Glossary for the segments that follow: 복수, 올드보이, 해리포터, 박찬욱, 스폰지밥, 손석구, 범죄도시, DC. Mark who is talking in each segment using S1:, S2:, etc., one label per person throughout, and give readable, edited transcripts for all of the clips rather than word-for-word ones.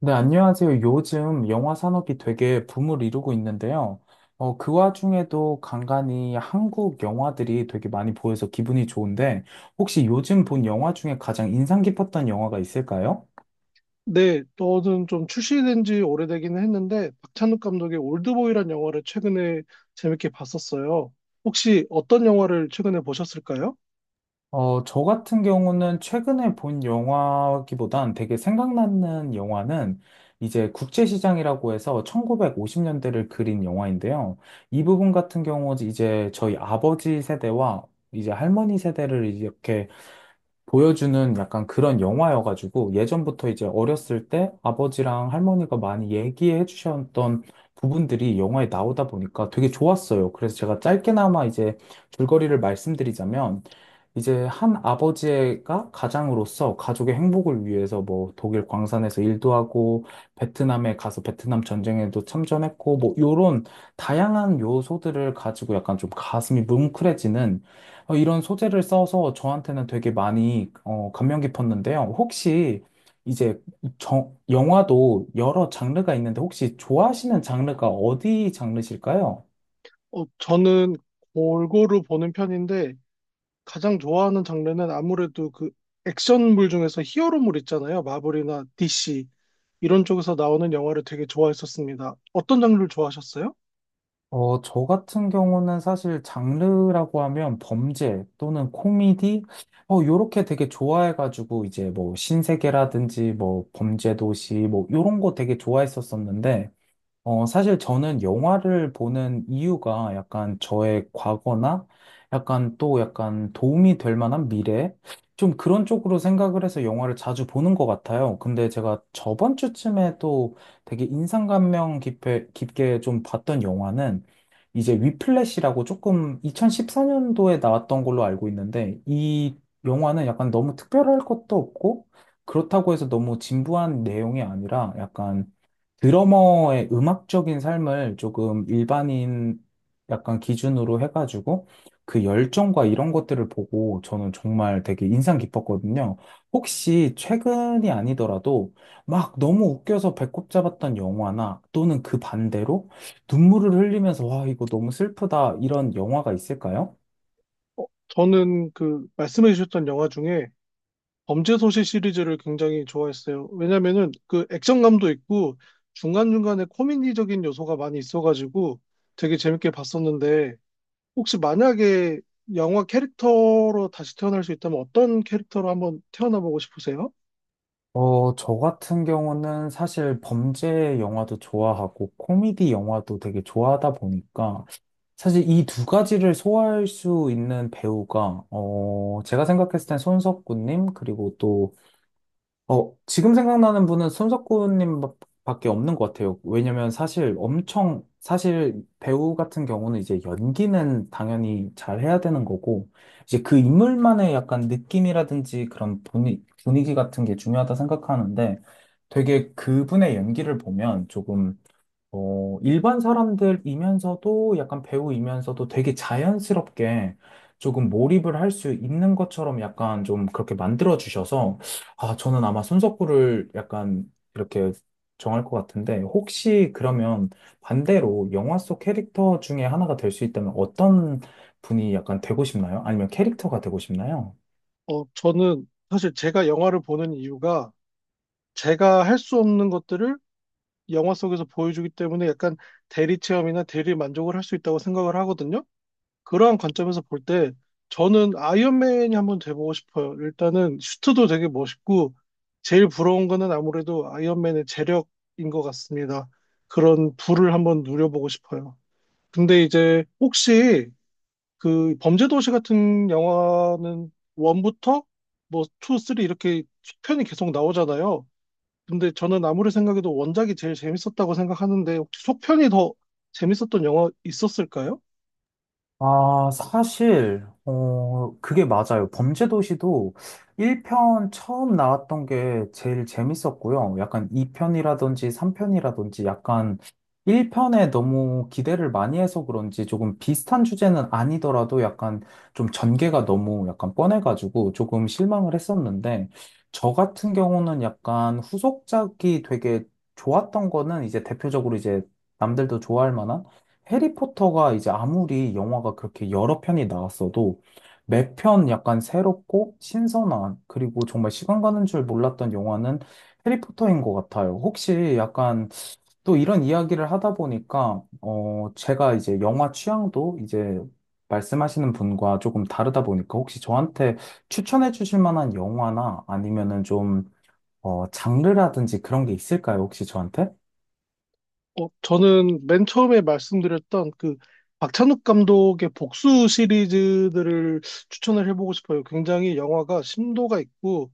S1: 네, 안녕하세요. 요즘 영화 산업이 되게 붐을 이루고 있는데요. 그 와중에도 간간이 한국 영화들이 되게 많이 보여서 기분이 좋은데, 혹시 요즘 본 영화 중에 가장 인상 깊었던 영화가 있을까요?
S2: 네, 너는 좀 출시된 지 오래되긴 했는데 박찬욱 감독의 올드보이란 영화를 최근에 재밌게 봤었어요. 혹시 어떤 영화를 최근에 보셨을까요?
S1: 저 같은 경우는 최근에 본 영화기보단 되게 생각나는 영화는 이제 국제시장이라고 해서 1950년대를 그린 영화인데요. 이 부분 같은 경우 이제 저희 아버지 세대와 이제 할머니 세대를 이렇게 보여주는 약간 그런 영화여가지고 예전부터 이제 어렸을 때 아버지랑 할머니가 많이 얘기해 주셨던 부분들이 영화에 나오다 보니까 되게 좋았어요. 그래서 제가 짧게나마 이제 줄거리를 말씀드리자면 이제 한 아버지가 가장으로서 가족의 행복을 위해서 뭐 독일 광산에서 일도 하고 베트남에 가서 베트남 전쟁에도 참전했고 뭐 요런 다양한 요소들을 가지고 약간 좀 가슴이 뭉클해지는 이런 소재를 써서 저한테는 되게 많이 감명 깊었는데요. 혹시 이제 영화도 여러 장르가 있는데 혹시 좋아하시는 장르가 어디 장르실까요?
S2: 저는 골고루 보는 편인데 가장 좋아하는 장르는 아무래도 그 액션물 중에서 히어로물 있잖아요. 마블이나 DC 이런 쪽에서 나오는 영화를 되게 좋아했었습니다. 어떤 장르를 좋아하셨어요?
S1: 저 같은 경우는 사실 장르라고 하면 범죄 또는 코미디, 요렇게 되게 좋아해가지고 이제 뭐 신세계라든지 뭐 범죄도시 뭐 요런 거 되게 좋아했었었는데. 사실 저는 영화를 보는 이유가 약간 저의 과거나 약간 또 약간 도움이 될 만한 미래? 좀 그런 쪽으로 생각을 해서 영화를 자주 보는 것 같아요. 근데 제가 저번 주쯤에 또 되게 인상감명 깊게 좀 봤던 영화는 이제 위플래시라고 조금 2014년도에 나왔던 걸로 알고 있는데 이 영화는 약간 너무 특별할 것도 없고 그렇다고 해서 너무 진부한 내용이 아니라 약간 드러머의 음악적인 삶을 조금 일반인 약간 기준으로 해가지고 그 열정과 이런 것들을 보고 저는 정말 되게 인상 깊었거든요. 혹시 최근이 아니더라도 막 너무 웃겨서 배꼽 잡았던 영화나 또는 그 반대로 눈물을 흘리면서 와, 이거 너무 슬프다 이런 영화가 있을까요?
S2: 어, 저는 그 말씀해 주셨던 영화 중에 범죄도시 시리즈를 굉장히 좋아했어요. 왜냐면은 그 액션감도 있고 중간중간에 코미디적인 요소가 많이 있어가지고 되게 재밌게 봤었는데 혹시 만약에 영화 캐릭터로 다시 태어날 수 있다면 어떤 캐릭터로 한번 태어나보고 싶으세요?
S1: 저 같은 경우는 사실 범죄 영화도 좋아하고 코미디 영화도 되게 좋아하다 보니까 사실 이 두 가지를 소화할 수 있는 배우가, 제가 생각했을 땐 손석구님, 그리고 또, 지금 생각나는 분은 손석구님 밖에 없는 것 같아요. 왜냐면 사실 엄청, 사실 배우 같은 경우는 이제 연기는 당연히 잘 해야 되는 거고, 이제 그 인물만의 약간 느낌이라든지 그런 분위기 같은 게 중요하다 생각하는데, 되게 그분의 연기를 보면 조금 일반 사람들이면서도 약간 배우이면서도 되게 자연스럽게 조금 몰입을 할 수 있는 것처럼 약간 좀 그렇게 만들어 주셔서 아, 저는 아마 손석구를 약간 이렇게 정할 것 같은데 혹시 그러면 반대로 영화 속 캐릭터 중에 하나가 될 수 있다면 어떤 분이 약간 되고 싶나요? 아니면 캐릭터가 되고 싶나요?
S2: 저는 사실 제가 영화를 보는 이유가 제가 할 수 없는 것들을 영화 속에서 보여주기 때문에 약간 대리 체험이나 대리 만족을 할 수 있다고 생각을 하거든요. 그러한 관점에서 볼 때 저는 아이언맨이 한번 돼보고 싶어요. 일단은 슈트도 되게 멋있고 제일 부러운 거는 아무래도 아이언맨의 재력인 것 같습니다. 그런 부를 한번 누려보고 싶어요. 근데 이제 혹시 그 범죄도시 같은 영화는 원부터뭐 투, 쓰리 이렇게 속편이 계속 나오잖아요. 근데 저는 아무리 생각해도 원작이 제일 재밌었다고 생각하는데 혹시 속편이 더 재밌었던 영화 있었을까요?
S1: 아, 사실, 그게 맞아요. 범죄도시도 1편 처음 나왔던 게 제일 재밌었고요. 약간 2편이라든지 3편이라든지 약간 1편에 너무 기대를 많이 해서 그런지 조금 비슷한 주제는 아니더라도 약간 좀 전개가 너무 약간 뻔해가지고 조금 실망을 했었는데, 저 같은 경우는 약간 후속작이 되게 좋았던 거는 이제 대표적으로 이제 남들도 좋아할 만한 해리포터가 이제 아무리 영화가 그렇게 여러 편이 나왔어도 매 편 약간 새롭고 신선한 그리고 정말 시간 가는 줄 몰랐던 영화는 해리포터인 것 같아요. 혹시 약간 또 이런 이야기를 하다 보니까 어 제가 이제 영화 취향도 이제 말씀하시는 분과 조금 다르다 보니까 혹시 저한테 추천해 주실 만한 영화나 아니면은 좀 어 장르라든지 그런 게 있을까요? 혹시 저한테?
S2: 저는 맨 처음에 말씀드렸던 그 박찬욱 감독의 복수 시리즈들을 추천을 해보고 싶어요. 굉장히 영화가 심도가 있고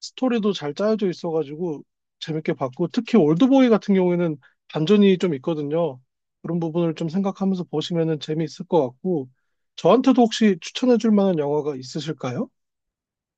S2: 스토리도 잘 짜여져 있어가지고 재밌게 봤고 특히 올드보이 같은 경우에는 반전이 좀 있거든요. 그런 부분을 좀 생각하면서 보시면은 재미있을 것 같고 저한테도 혹시 추천해 줄 만한 영화가 있으실까요?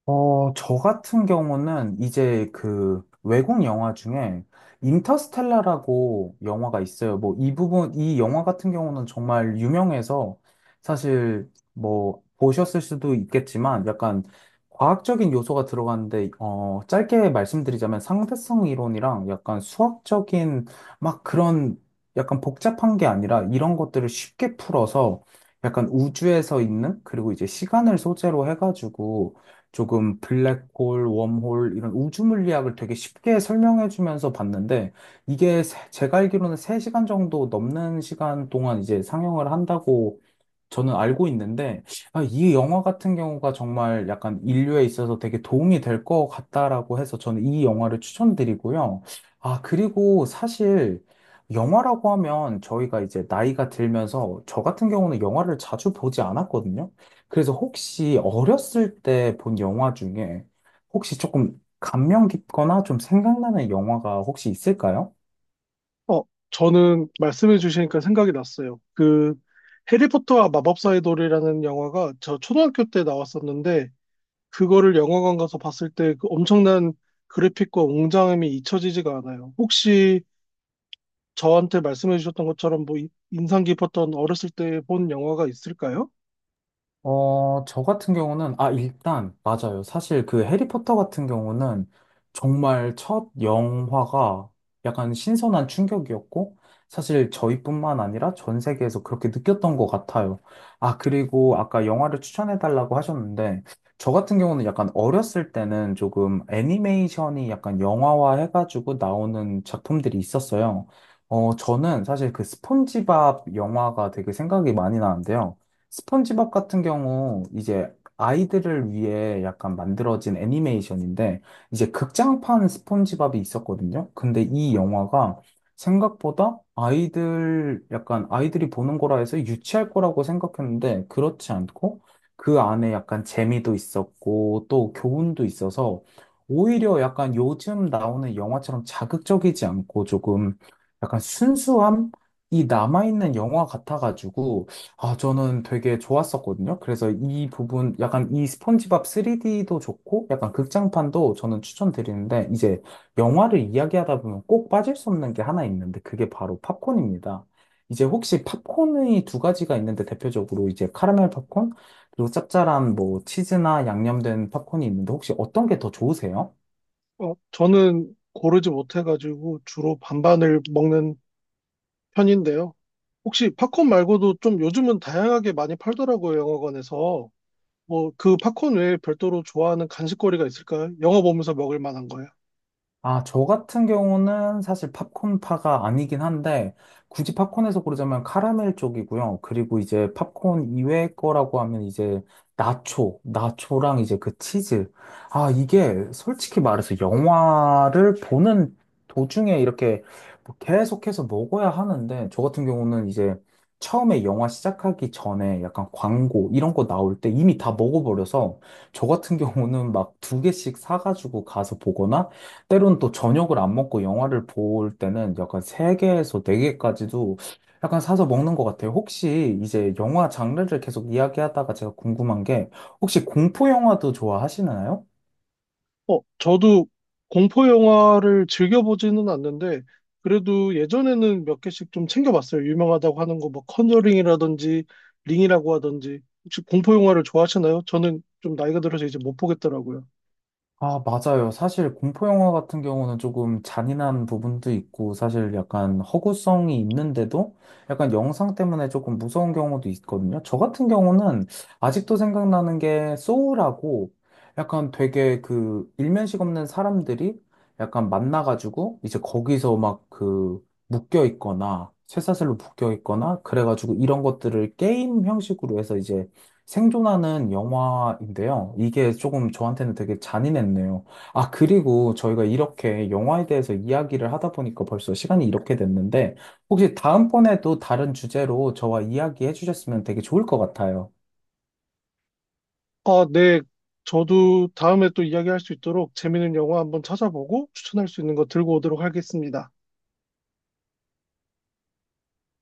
S1: 저 같은 경우는 이제 그 외국 영화 중에 인터스텔라라고 영화가 있어요. 뭐 이 부분, 이 영화 같은 경우는 정말 유명해서 사실 뭐 보셨을 수도 있겠지만 약간 과학적인 요소가 들어가는데, 짧게 말씀드리자면 상대성 이론이랑 약간 수학적인 막 그런 약간 복잡한 게 아니라 이런 것들을 쉽게 풀어서 약간 우주에서 있는 그리고 이제 시간을 소재로 해가지고 조금 블랙홀, 웜홀 이런 우주 물리학을 되게 쉽게 설명해 주면서 봤는데 이게 제가 알기로는 3시간 정도 넘는 시간 동안 이제 상영을 한다고 저는 알고 있는데, 아, 이 영화 같은 경우가 정말 약간 인류에 있어서 되게 도움이 될 것 같다라고 해서 저는 이 영화를 추천드리고요. 아, 그리고 사실 영화라고 하면 저희가 이제 나이가 들면서 저 같은 경우는 영화를 자주 보지 않았거든요. 그래서 혹시 어렸을 때 본 영화 중에 혹시 조금 감명 깊거나 좀 생각나는 영화가 혹시 있을까요?
S2: 어, 저는 말씀해 주시니까 생각이 났어요. 그 해리포터와 마법사의 돌이라는 영화가 저 초등학교 때 나왔었는데 그거를 영화관 가서 봤을 때 그 엄청난 그래픽과 웅장함이 잊혀지지가 않아요. 혹시 저한테 말씀해 주셨던 것처럼 뭐 인상 깊었던 어렸을 때 본 영화가 있을까요?
S1: 저 같은 경우는, 아, 일단, 맞아요. 사실 그 해리포터 같은 경우는 정말 첫 영화가 약간 신선한 충격이었고, 사실 저희뿐만 아니라 전 세계에서 그렇게 느꼈던 것 같아요. 아, 그리고 아까 영화를 추천해달라고 하셨는데, 저 같은 경우는 약간 어렸을 때는 조금 애니메이션이 약간 영화화 해가지고 나오는 작품들이 있었어요. 저는 사실 그 스폰지밥 영화가 되게 생각이 많이 나는데요. 스펀지밥 같은 경우 이제 아이들을 위해 약간 만들어진 애니메이션인데 이제 극장판 스폰지밥이 있었거든요. 근데 이 영화가 생각보다 아이들 약간 아이들이 보는 거라 해서 유치할 거라고 생각했는데 그렇지 않고 그 안에 약간 재미도 있었고 또 교훈도 있어서 오히려 약간 요즘 나오는 영화처럼 자극적이지 않고 조금 약간 순수함이 남아있는 영화 같아가지고 아, 저는 되게 좋았었거든요. 그래서 이 부분, 약간 이 스폰지밥 3D도 좋고, 약간 극장판도 저는 추천드리는데, 이제 영화를 이야기하다 보면 꼭 빠질 수 없는 게 하나 있는데, 그게 바로 팝콘입니다. 이제 혹시 팝콘의 두 가지가 있는데, 대표적으로 이제 카라멜 팝콘, 그리고 짭짤한 뭐 치즈나 양념된 팝콘이 있는데, 혹시 어떤 게 더 좋으세요?
S2: 저는 고르지 못해가지고 주로 반반을 먹는 편인데요. 혹시 팝콘 말고도 좀 요즘은 다양하게 많이 팔더라고요, 영화관에서. 뭐, 그 팝콘 외에 별도로 좋아하는 간식거리가 있을까요? 영화 보면서 먹을 만한 거예요.
S1: 아, 저 같은 경우는 사실 팝콘파가 아니긴 한데, 굳이 팝콘에서 고르자면 카라멜 쪽이고요. 그리고 이제 팝콘 이외 거라고 하면 이제 나초, 나초랑 이제 그 치즈. 아, 이게 솔직히 말해서 영화를 보는 도중에 이렇게 뭐 계속해서 먹어야 하는데, 저 같은 경우는 이제 처음에 영화 시작하기 전에 약간 광고 이런 거 나올 때 이미 다 먹어버려서, 저 같은 경우는 막 두 개씩 사가지고 가서 보거나, 때론 또 저녁을 안 먹고 영화를 볼 때는 약간 세개에서네개까지도 약간 사서 먹는 것 같아요. 혹시 이제 영화 장르를 계속 이야기하다가 제가 궁금한 게 혹시 공포 영화도 좋아하시나요?
S2: 저도 공포 영화를 즐겨보지는 않는데, 그래도 예전에는 몇 개씩 좀 챙겨봤어요. 유명하다고 하는 거, 뭐, 컨저링이라든지, 링이라고 하든지. 혹시 공포 영화를 좋아하시나요? 저는 좀 나이가 들어서 이제 못 보겠더라고요.
S1: 아, 맞아요. 사실 공포 영화 같은 경우는 조금 잔인한 부분도 있고, 사실 약간 허구성이 있는데도 약간 영상 때문에 조금 무서운 경우도 있거든요. 저 같은 경우는 아직도 생각나는 게 소울하고 약간 되게 그 일면식 없는 사람들이 약간 만나가지고 이제 거기서 막 그 묶여 있거나 쇠사슬로 묶여 있거나 그래가지고 이런 것들을 게임 형식으로 해서 이제 생존하는 영화인데요. 이게 조금 저한테는 되게 잔인했네요. 아, 그리고 저희가 이렇게 영화에 대해서 이야기를 하다 보니까 벌써 시간이 이렇게 됐는데, 혹시 다음번에도 다른 주제로 저와 이야기해 주셨으면 되게 좋을 것 같아요.
S2: 아, 네. 저도 다음에 또 이야기할 수 있도록 재밌는 영화 한번 찾아보고 추천할 수 있는 거 들고 오도록 하겠습니다.